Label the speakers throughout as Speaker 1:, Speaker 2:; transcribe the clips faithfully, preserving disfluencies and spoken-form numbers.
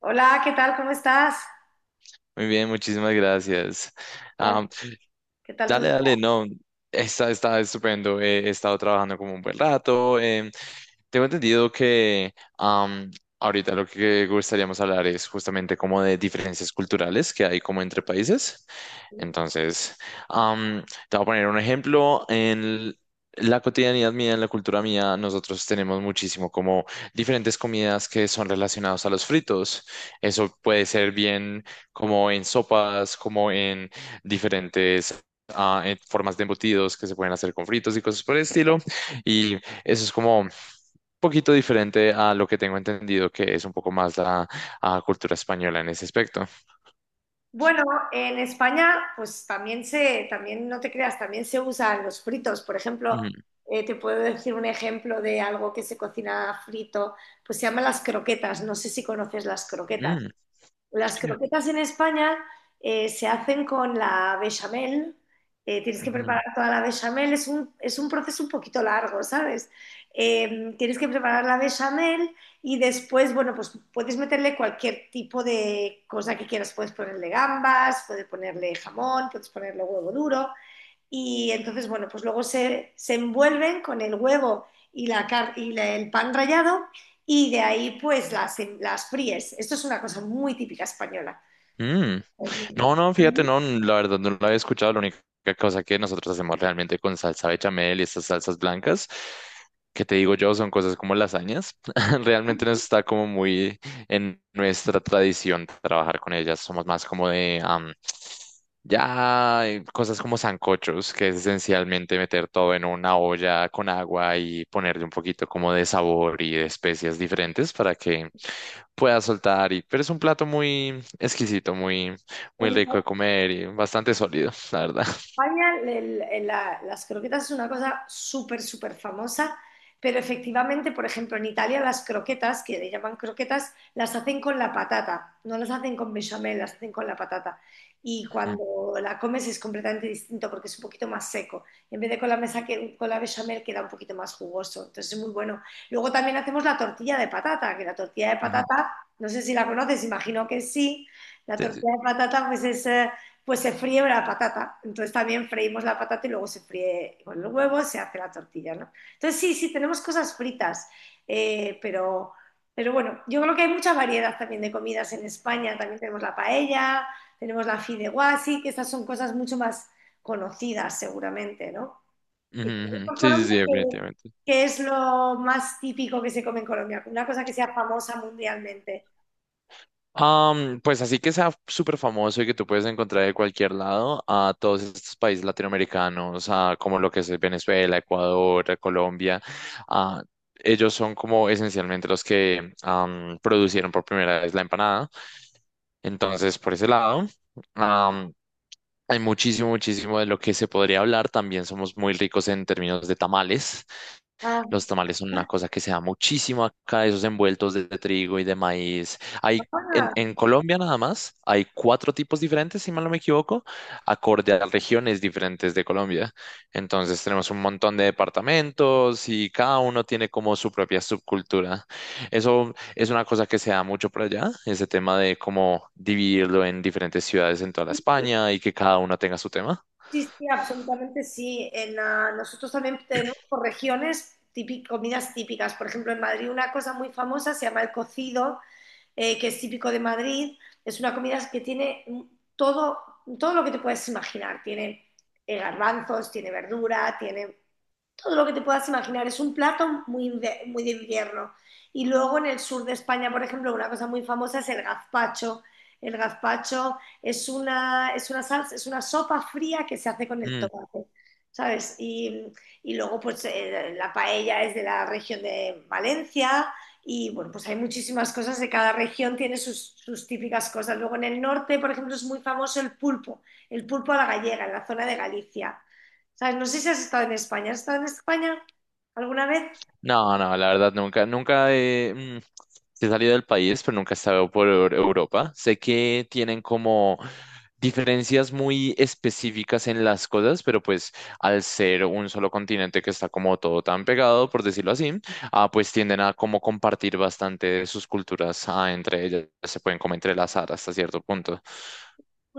Speaker 1: Hola, ¿qué tal? ¿Cómo estás?
Speaker 2: Muy bien, muchísimas gracias.
Speaker 1: ¿Qué tal?
Speaker 2: Am,
Speaker 1: ¿Qué tal tu-
Speaker 2: dale, dale, no, está, está estupendo. eh, He, estado trabajando como un buen rato. Em, tengo entendido que am, ahorita lo que gustaríamos hablar es justamente como de diferencias culturales que hay como entre países. Entonces, am, te voy a poner un ejemplo. En la cotidianidad mía, en la cultura mía, nosotros tenemos muchísimo como diferentes comidas que son relacionadas a los fritos. Eso puede ser bien como en sopas, como en diferentes... ah, en formas de embutidos que se pueden hacer con fritos y cosas por el estilo. Y eso es como poquito diferente a lo que tengo entendido, que es un poco más la ah, cultura española en ese aspecto.
Speaker 1: Bueno, en España, pues también se, también no te creas, también se usan los fritos. Por ejemplo,
Speaker 2: Mm,
Speaker 1: eh, te puedo decir un ejemplo de algo que se cocina frito, pues se llama las croquetas. No sé si conoces las croquetas.
Speaker 2: mm,
Speaker 1: Las croquetas en España eh, se hacen con la bechamel. eh, tienes que
Speaker 2: mm,
Speaker 1: preparar toda la bechamel. Es un, es un proceso un poquito largo, ¿sabes? Eh, tienes que preparar la bechamel y después, bueno, pues puedes meterle cualquier tipo de cosa que quieras. Puedes ponerle gambas, puedes ponerle jamón, puedes ponerle huevo duro y entonces, bueno, pues luego se, se envuelven con el huevo y, la, car- y la- el pan rallado y de ahí pues las, las fríes. Esto es una cosa muy típica española.
Speaker 2: mm. No, no, fíjate, no, la verdad no lo había escuchado. La única cosa que nosotros hacemos realmente con salsa bechamel y estas salsas blancas, que te digo yo, son cosas como lasañas. Realmente no está como muy en nuestra tradición trabajar con ellas. Somos más como de am, ya eh, cosas como sancochos, que es esencialmente meter todo en una olla con agua y ponerle un poquito como de sabor y de especias diferentes para que pueda soltar. Y, pero es un plato muy exquisito, muy muy
Speaker 1: En-
Speaker 2: rico de comer y bastante sólido, la verdad.
Speaker 1: España el- el- la- las croquetas es una cosa súper, súper famosa, pero efectivamente, por ejemplo, en Italia las croquetas, que le llaman croquetas, las hacen con la patata, no las hacen con bechamel, las hacen con la patata. Y
Speaker 2: Ujú,
Speaker 1: cuando la comes es completamente distinto porque es un poquito más seco. En vez de con la mesa que, con la bechamel queda un poquito más jugoso, entonces es muy bueno. Luego también hacemos la tortilla de patata, que la tortilla de
Speaker 2: ujú.
Speaker 1: patata, no sé si la conoces, imagino que sí. La
Speaker 2: Sí, sí.
Speaker 1: tortilla de patata pues es... eh, pues se fríe la patata. Entonces también freímos la patata y luego se fríe con los huevos, se hace la tortilla, ¿no? Entonces sí, sí, tenemos cosas fritas, eh, pero, pero bueno, yo creo que hay mucha variedad también de comidas en España. También tenemos la paella, tenemos la fideuá, sí, que estas son cosas mucho más conocidas seguramente, ¿no?
Speaker 2: Ujú,
Speaker 1: Y
Speaker 2: ujú.
Speaker 1: por
Speaker 2: Sí, sí,
Speaker 1: Colombia,
Speaker 2: sí,
Speaker 1: ¿qué,
Speaker 2: definitivamente.
Speaker 1: ¿qué es lo más típico que se come en Colombia? Una cosa que sea famosa mundialmente.
Speaker 2: Am, pues así que sea súper famoso y que tú puedes encontrar de cualquier lado a todos estos países latinoamericanos, a como lo que es Venezuela, Ecuador, Colombia, ah, ellos son como esencialmente los que am, producieron por primera vez la empanada. Entonces, por ese lado, am, hay muchísimo, muchísimo de lo que se podría hablar. También somos muy ricos en términos de tamales.
Speaker 1: Ah,
Speaker 2: Los tamales son una cosa que se da muchísimo acá, esos envueltos de trigo y de maíz. Hay en,
Speaker 1: ah,
Speaker 2: en Colombia nada más, hay cuatro tipos diferentes, si mal no me equivoco, acorde a las regiones diferentes de Colombia. Entonces tenemos un montón de departamentos y cada uno tiene como su propia subcultura. Eso es una cosa que se da mucho por allá, ese tema de cómo dividirlo en diferentes ciudades en toda la
Speaker 1: sí.
Speaker 2: España y que cada uno tenga su tema.
Speaker 1: Sí, sí, absolutamente sí. En, ah, nosotros también tenemos por regiones típic- comidas típicas. Por ejemplo, en Madrid una cosa muy famosa se llama el cocido, eh, que es típico de Madrid. Es una comida que tiene mm, todo, todo lo que te puedes imaginar. Tiene eh, garbanzos, tiene verdura, tiene todo lo que te puedas imaginar. Es un plato muy, muy de invierno. Y luego en el sur de España, por ejemplo, una cosa muy famosa es el gazpacho. El gazpacho es una, es una salsa, es una sopa fría que se hace con el tomate, ¿sabes? Y, y luego, pues, eh, la paella es de la región de Valencia. Y bueno, pues hay muchísimas cosas de cada región, tiene sus, sus típicas cosas. Luego en el norte, por ejemplo, es muy famoso el pulpo, el pulpo a la gallega, en la zona de Galicia. ¿Sabes? No sé si has estado en España. ¿Has estado en España alguna vez?
Speaker 2: No, no, la verdad nunca, nunca he, mm, sí he salido del país, pero nunca he estado por Eu- Europa. Sé que tienen como diferencias muy específicas en las cosas, pero pues al ser un solo continente que está como todo tan pegado, por decirlo así, ah, pues tienden a como compartir bastante de sus culturas ah, entre ellas, se pueden como entrelazar hasta cierto punto.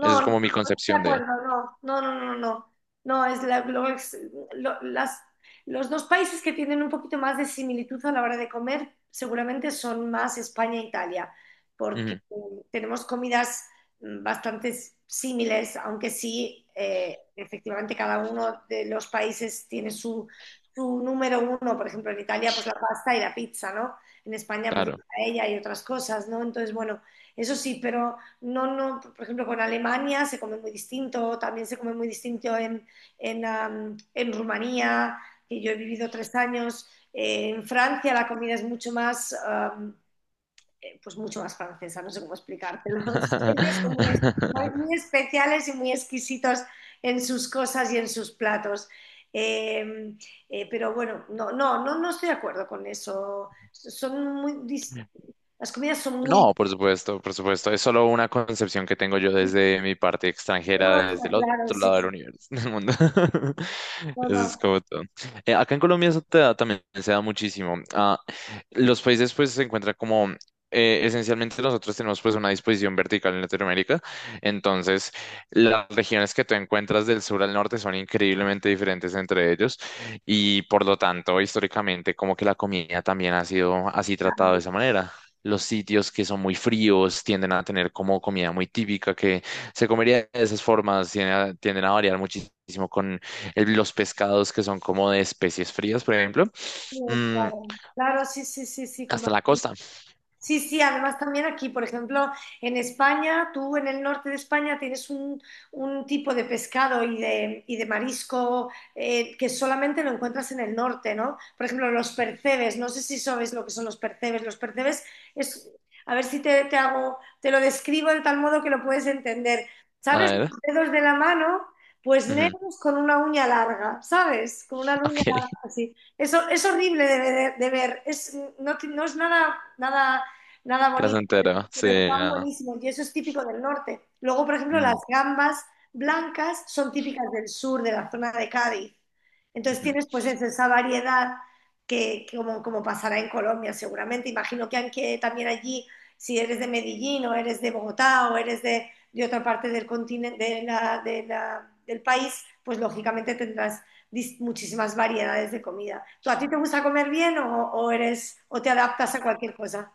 Speaker 2: Eso es
Speaker 1: no,
Speaker 2: como mi
Speaker 1: no estoy de
Speaker 2: concepción de...
Speaker 1: acuerdo, no, no, no, no, no. No, es la- lo- es- lo- las, los dos países que tienen un poquito más de similitud a la hora de comer seguramente son más España e Italia, porque
Speaker 2: Ujú,
Speaker 1: eh, tenemos comidas mm, bastante similares, aunque sí, eh, efectivamente cada uno de los países tiene su, su número uno. Por ejemplo, en Italia pues la pasta y la pizza, ¿no? En España pues
Speaker 2: claro.
Speaker 1: la paella y otras cosas, ¿no? Entonces, bueno, eso sí, pero... No, no, por ejemplo, con Alemania se come muy distinto, también se come muy distinto en, en, am, en Rumanía, que yo he vivido tres años. Eh, en Francia la comida es mucho más, am, eh, pues mucho más francesa, no sé cómo explicártelo. Ellos son muy, muy especiales y muy exquisitos en sus cosas y en sus platos. Eh, eh, pero bueno, no, no, no, no estoy de acuerdo con eso. Son muy, dis- las comidas son muy
Speaker 2: No, por
Speaker 1: distintas.
Speaker 2: supuesto, por supuesto. Es solo una concepción que tengo yo desde mi parte
Speaker 1: No, no,
Speaker 2: extranjera, desde
Speaker 1: está
Speaker 2: el
Speaker 1: claro,
Speaker 2: otro
Speaker 1: sí,
Speaker 2: lado del
Speaker 1: sí.
Speaker 2: universo, del mundo.
Speaker 1: No,
Speaker 2: Eso es
Speaker 1: no.
Speaker 2: como todo. Eh, acá en Colombia eso te da- también se da muchísimo. Ah, los países pues se encuentran como... eh, esencialmente nosotros tenemos pues una disposición vertical en Latinoamérica, entonces las regiones que tú encuentras del sur al norte son increíblemente diferentes entre ellos y por lo tanto históricamente como que la comida también ha sido así tratada de
Speaker 1: Claro,
Speaker 2: esa manera. Los sitios que son muy fríos tienden a tener como comida muy típica que se comería de esas formas, tienden a, tienden a variar muchísimo con el- los pescados que son como de especies frías, por ejemplo, mm,
Speaker 1: claro, sí, sí, sí, sí, como...
Speaker 2: hasta la costa.
Speaker 1: Sí, sí, además también aquí, por ejemplo, en España, tú en el norte de España tienes un, un tipo de pescado y de, y de marisco eh, que solamente lo encuentras en el norte, ¿no? Por ejemplo, los percebes, no sé si sabes lo que son los percebes. Los percebes es, a ver si te, te hago, te lo describo de tal modo que lo puedes entender.
Speaker 2: A
Speaker 1: ¿Sabes?
Speaker 2: ver,
Speaker 1: Los dedos de la mano, pues
Speaker 2: ujú,
Speaker 1: negros con una uña larga, ¿sabes? Con una uña
Speaker 2: ok,
Speaker 1: larga así. Eso es horrible de ver, de ver. Es, no, ti- no es nada, nada nada bonito,
Speaker 2: placentero, sí,
Speaker 1: pero están
Speaker 2: nada.
Speaker 1: buenísimos y eso es típico del norte. Luego, por ejemplo, las
Speaker 2: Mm,
Speaker 1: gambas blancas son típicas del sur, de la zona de Cádiz. Entonces
Speaker 2: ujú.
Speaker 1: tienes pues eso, esa variedad que, que como, como pasará en Colombia seguramente. Imagino que aunque también allí, si eres de Medellín o eres de Bogotá o eres de, de otra parte del continente, de la- de la- del país, pues lógicamente tendrás dis- muchísimas variedades de comida. ¿Tú a ti te gusta comer bien o, o eres o te adaptas a cualquier cosa?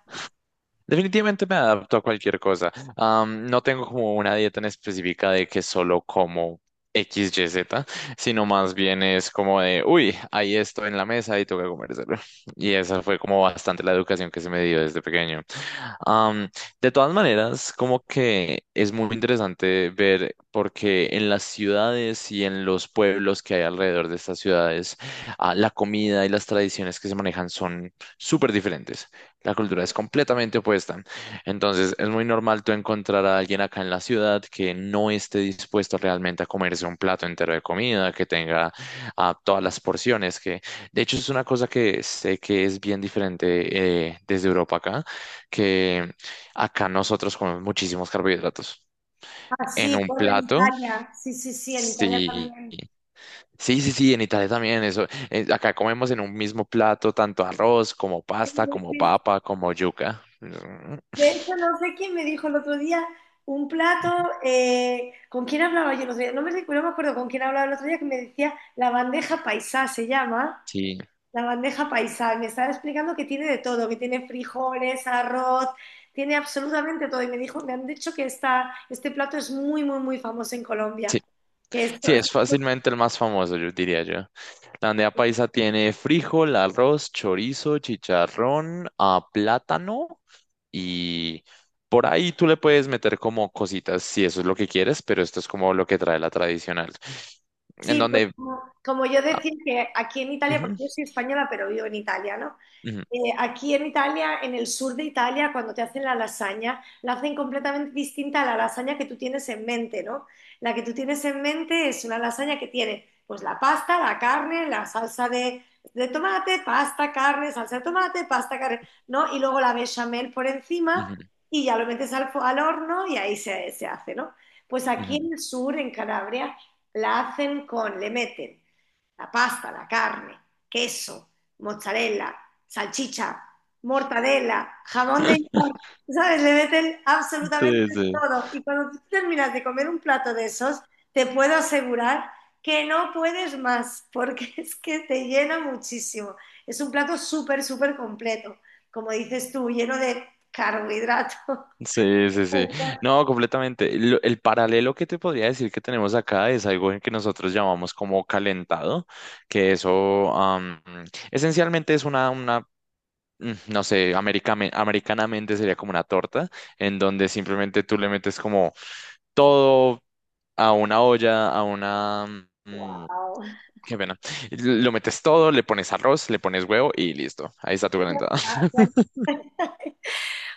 Speaker 2: Definitivamente me adapto a cualquier cosa. Am, no tengo como una dieta en específica de que solo como equis, i griega, zeta, sino más bien es como de, uy, hay esto en la mesa y tengo que comérselo. Y esa fue como bastante la educación que se me dio desde pequeño. Am, de todas maneras, como que es muy interesante ver, porque en las ciudades y en los pueblos que hay alrededor de estas ciudades, ah, la comida y las tradiciones que se manejan son súper diferentes. La cultura es completamente opuesta. Entonces, es muy normal tú encontrar a alguien acá en la ciudad que no esté dispuesto realmente a comerse un plato entero de comida, que tenga ah, todas las porciones, que de hecho es una cosa que sé que es bien diferente eh, desde Europa acá, que acá nosotros comemos muchísimos carbohidratos.
Speaker 1: Ah,
Speaker 2: En
Speaker 1: sí,
Speaker 2: un
Speaker 1: bueno, en
Speaker 2: plato,
Speaker 1: Italia. Sí, sí, sí, en Italia
Speaker 2: sí.
Speaker 1: también.
Speaker 2: Sí, sí, sí, en Italia también eso. Eh, acá comemos en un mismo plato tanto arroz como pasta,
Speaker 1: Sí,
Speaker 2: como
Speaker 1: sí.
Speaker 2: papa, como yuca. Mm,
Speaker 1: De hecho, no sé quién me dijo el otro día un plato. Eh, ¿con quién hablaba yo el otro día? No me recuerdo, no me acuerdo con quién hablaba el otro día que me decía la bandeja paisá, se llama.
Speaker 2: sí,
Speaker 1: La bandeja paisá. Y me estaba explicando que tiene de todo, que tiene frijoles, arroz, tiene absolutamente todo. Y me dijo, me han dicho que esta, este plato es muy, muy, muy famoso en Colombia.
Speaker 2: sí,
Speaker 1: Que esto,
Speaker 2: sí, es fácilmente el más famoso, yo diría yo. La bandeja paisa tiene frijol, arroz, chorizo, chicharrón, ah, plátano y por ahí tú le puedes meter como cositas si eso es lo que quieres, pero esto es como lo que trae la tradicional. En
Speaker 1: sí, pues
Speaker 2: donde...
Speaker 1: como, como yo
Speaker 2: ah,
Speaker 1: decía que aquí en Italia,
Speaker 2: ujú,
Speaker 1: porque yo soy española, pero vivo en Italia, ¿no? Eh, aquí en Italia, en el sur de Italia, cuando te hacen la lasaña, la hacen completamente distinta a la lasaña que tú tienes en mente, ¿no? La que tú tienes en mente es una lasaña que tiene pues la pasta, la carne, la salsa de, de tomate, pasta, carne, salsa de tomate, pasta, carne, ¿no? Y luego la bechamel por encima
Speaker 2: ujú, ujú,
Speaker 1: y ya lo metes al, fo- al horno y ahí se, se hace, ¿no? Pues aquí
Speaker 2: ujú.
Speaker 1: en el sur, en Calabria, la hacen con, le meten la pasta, la carne, queso, mozzarella, salchicha, mortadela, jamón de york, ¿sabes? Le meten
Speaker 2: Sí,
Speaker 1: absolutamente
Speaker 2: sí.
Speaker 1: todo. Y cuando tú terminas de comer un plato de esos, te puedo asegurar que no puedes más, porque es que te llena muchísimo. Es un plato súper, súper completo, como dices tú, lleno de carbohidratos.
Speaker 2: Sí, sí, sí. No, completamente. Lo- El paralelo que te podría decir que tenemos acá es algo en que nosotros llamamos como calentado, que eso am, esencialmente es una, una, mm, no sé, americame- americanamente sería como una torta, en donde simplemente tú le metes como todo a una olla, a una... mm,
Speaker 1: Wow.
Speaker 2: qué pena. Lo metes todo, le pones arroz, le pones huevo y listo. Ahí está tu calentada.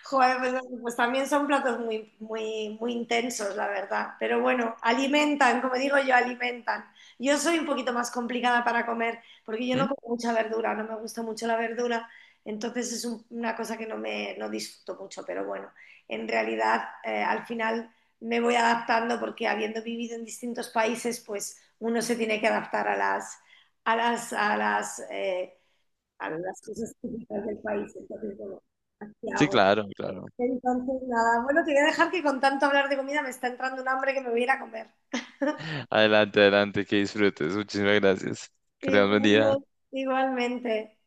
Speaker 1: Joder, pues, pues también son platos muy, muy, muy intensos, la verdad. Pero bueno, alimentan, como digo yo, alimentan. Yo soy un poquito más complicada para comer, porque yo
Speaker 2: ¿Mm?
Speaker 1: no como mucha verdura, no me gusta mucho la verdura, entonces es un- una cosa que no me no disfruto mucho, pero bueno, en realidad eh, al final me voy adaptando porque habiendo vivido en distintos países, pues uno se tiene que adaptar a las a las a las eh, a las cosas típicas del país. Entonces, bueno, ¿qué
Speaker 2: Sí,
Speaker 1: hago?
Speaker 2: claro, claro.
Speaker 1: Entonces, nada, bueno, te voy a dejar que con tanto hablar de comida me está entrando un hambre que me voy a ir a comer.
Speaker 2: Adelante, adelante, que disfrutes. Muchísimas gracias. Que tengas buen día.
Speaker 1: Igualmente, igualmente.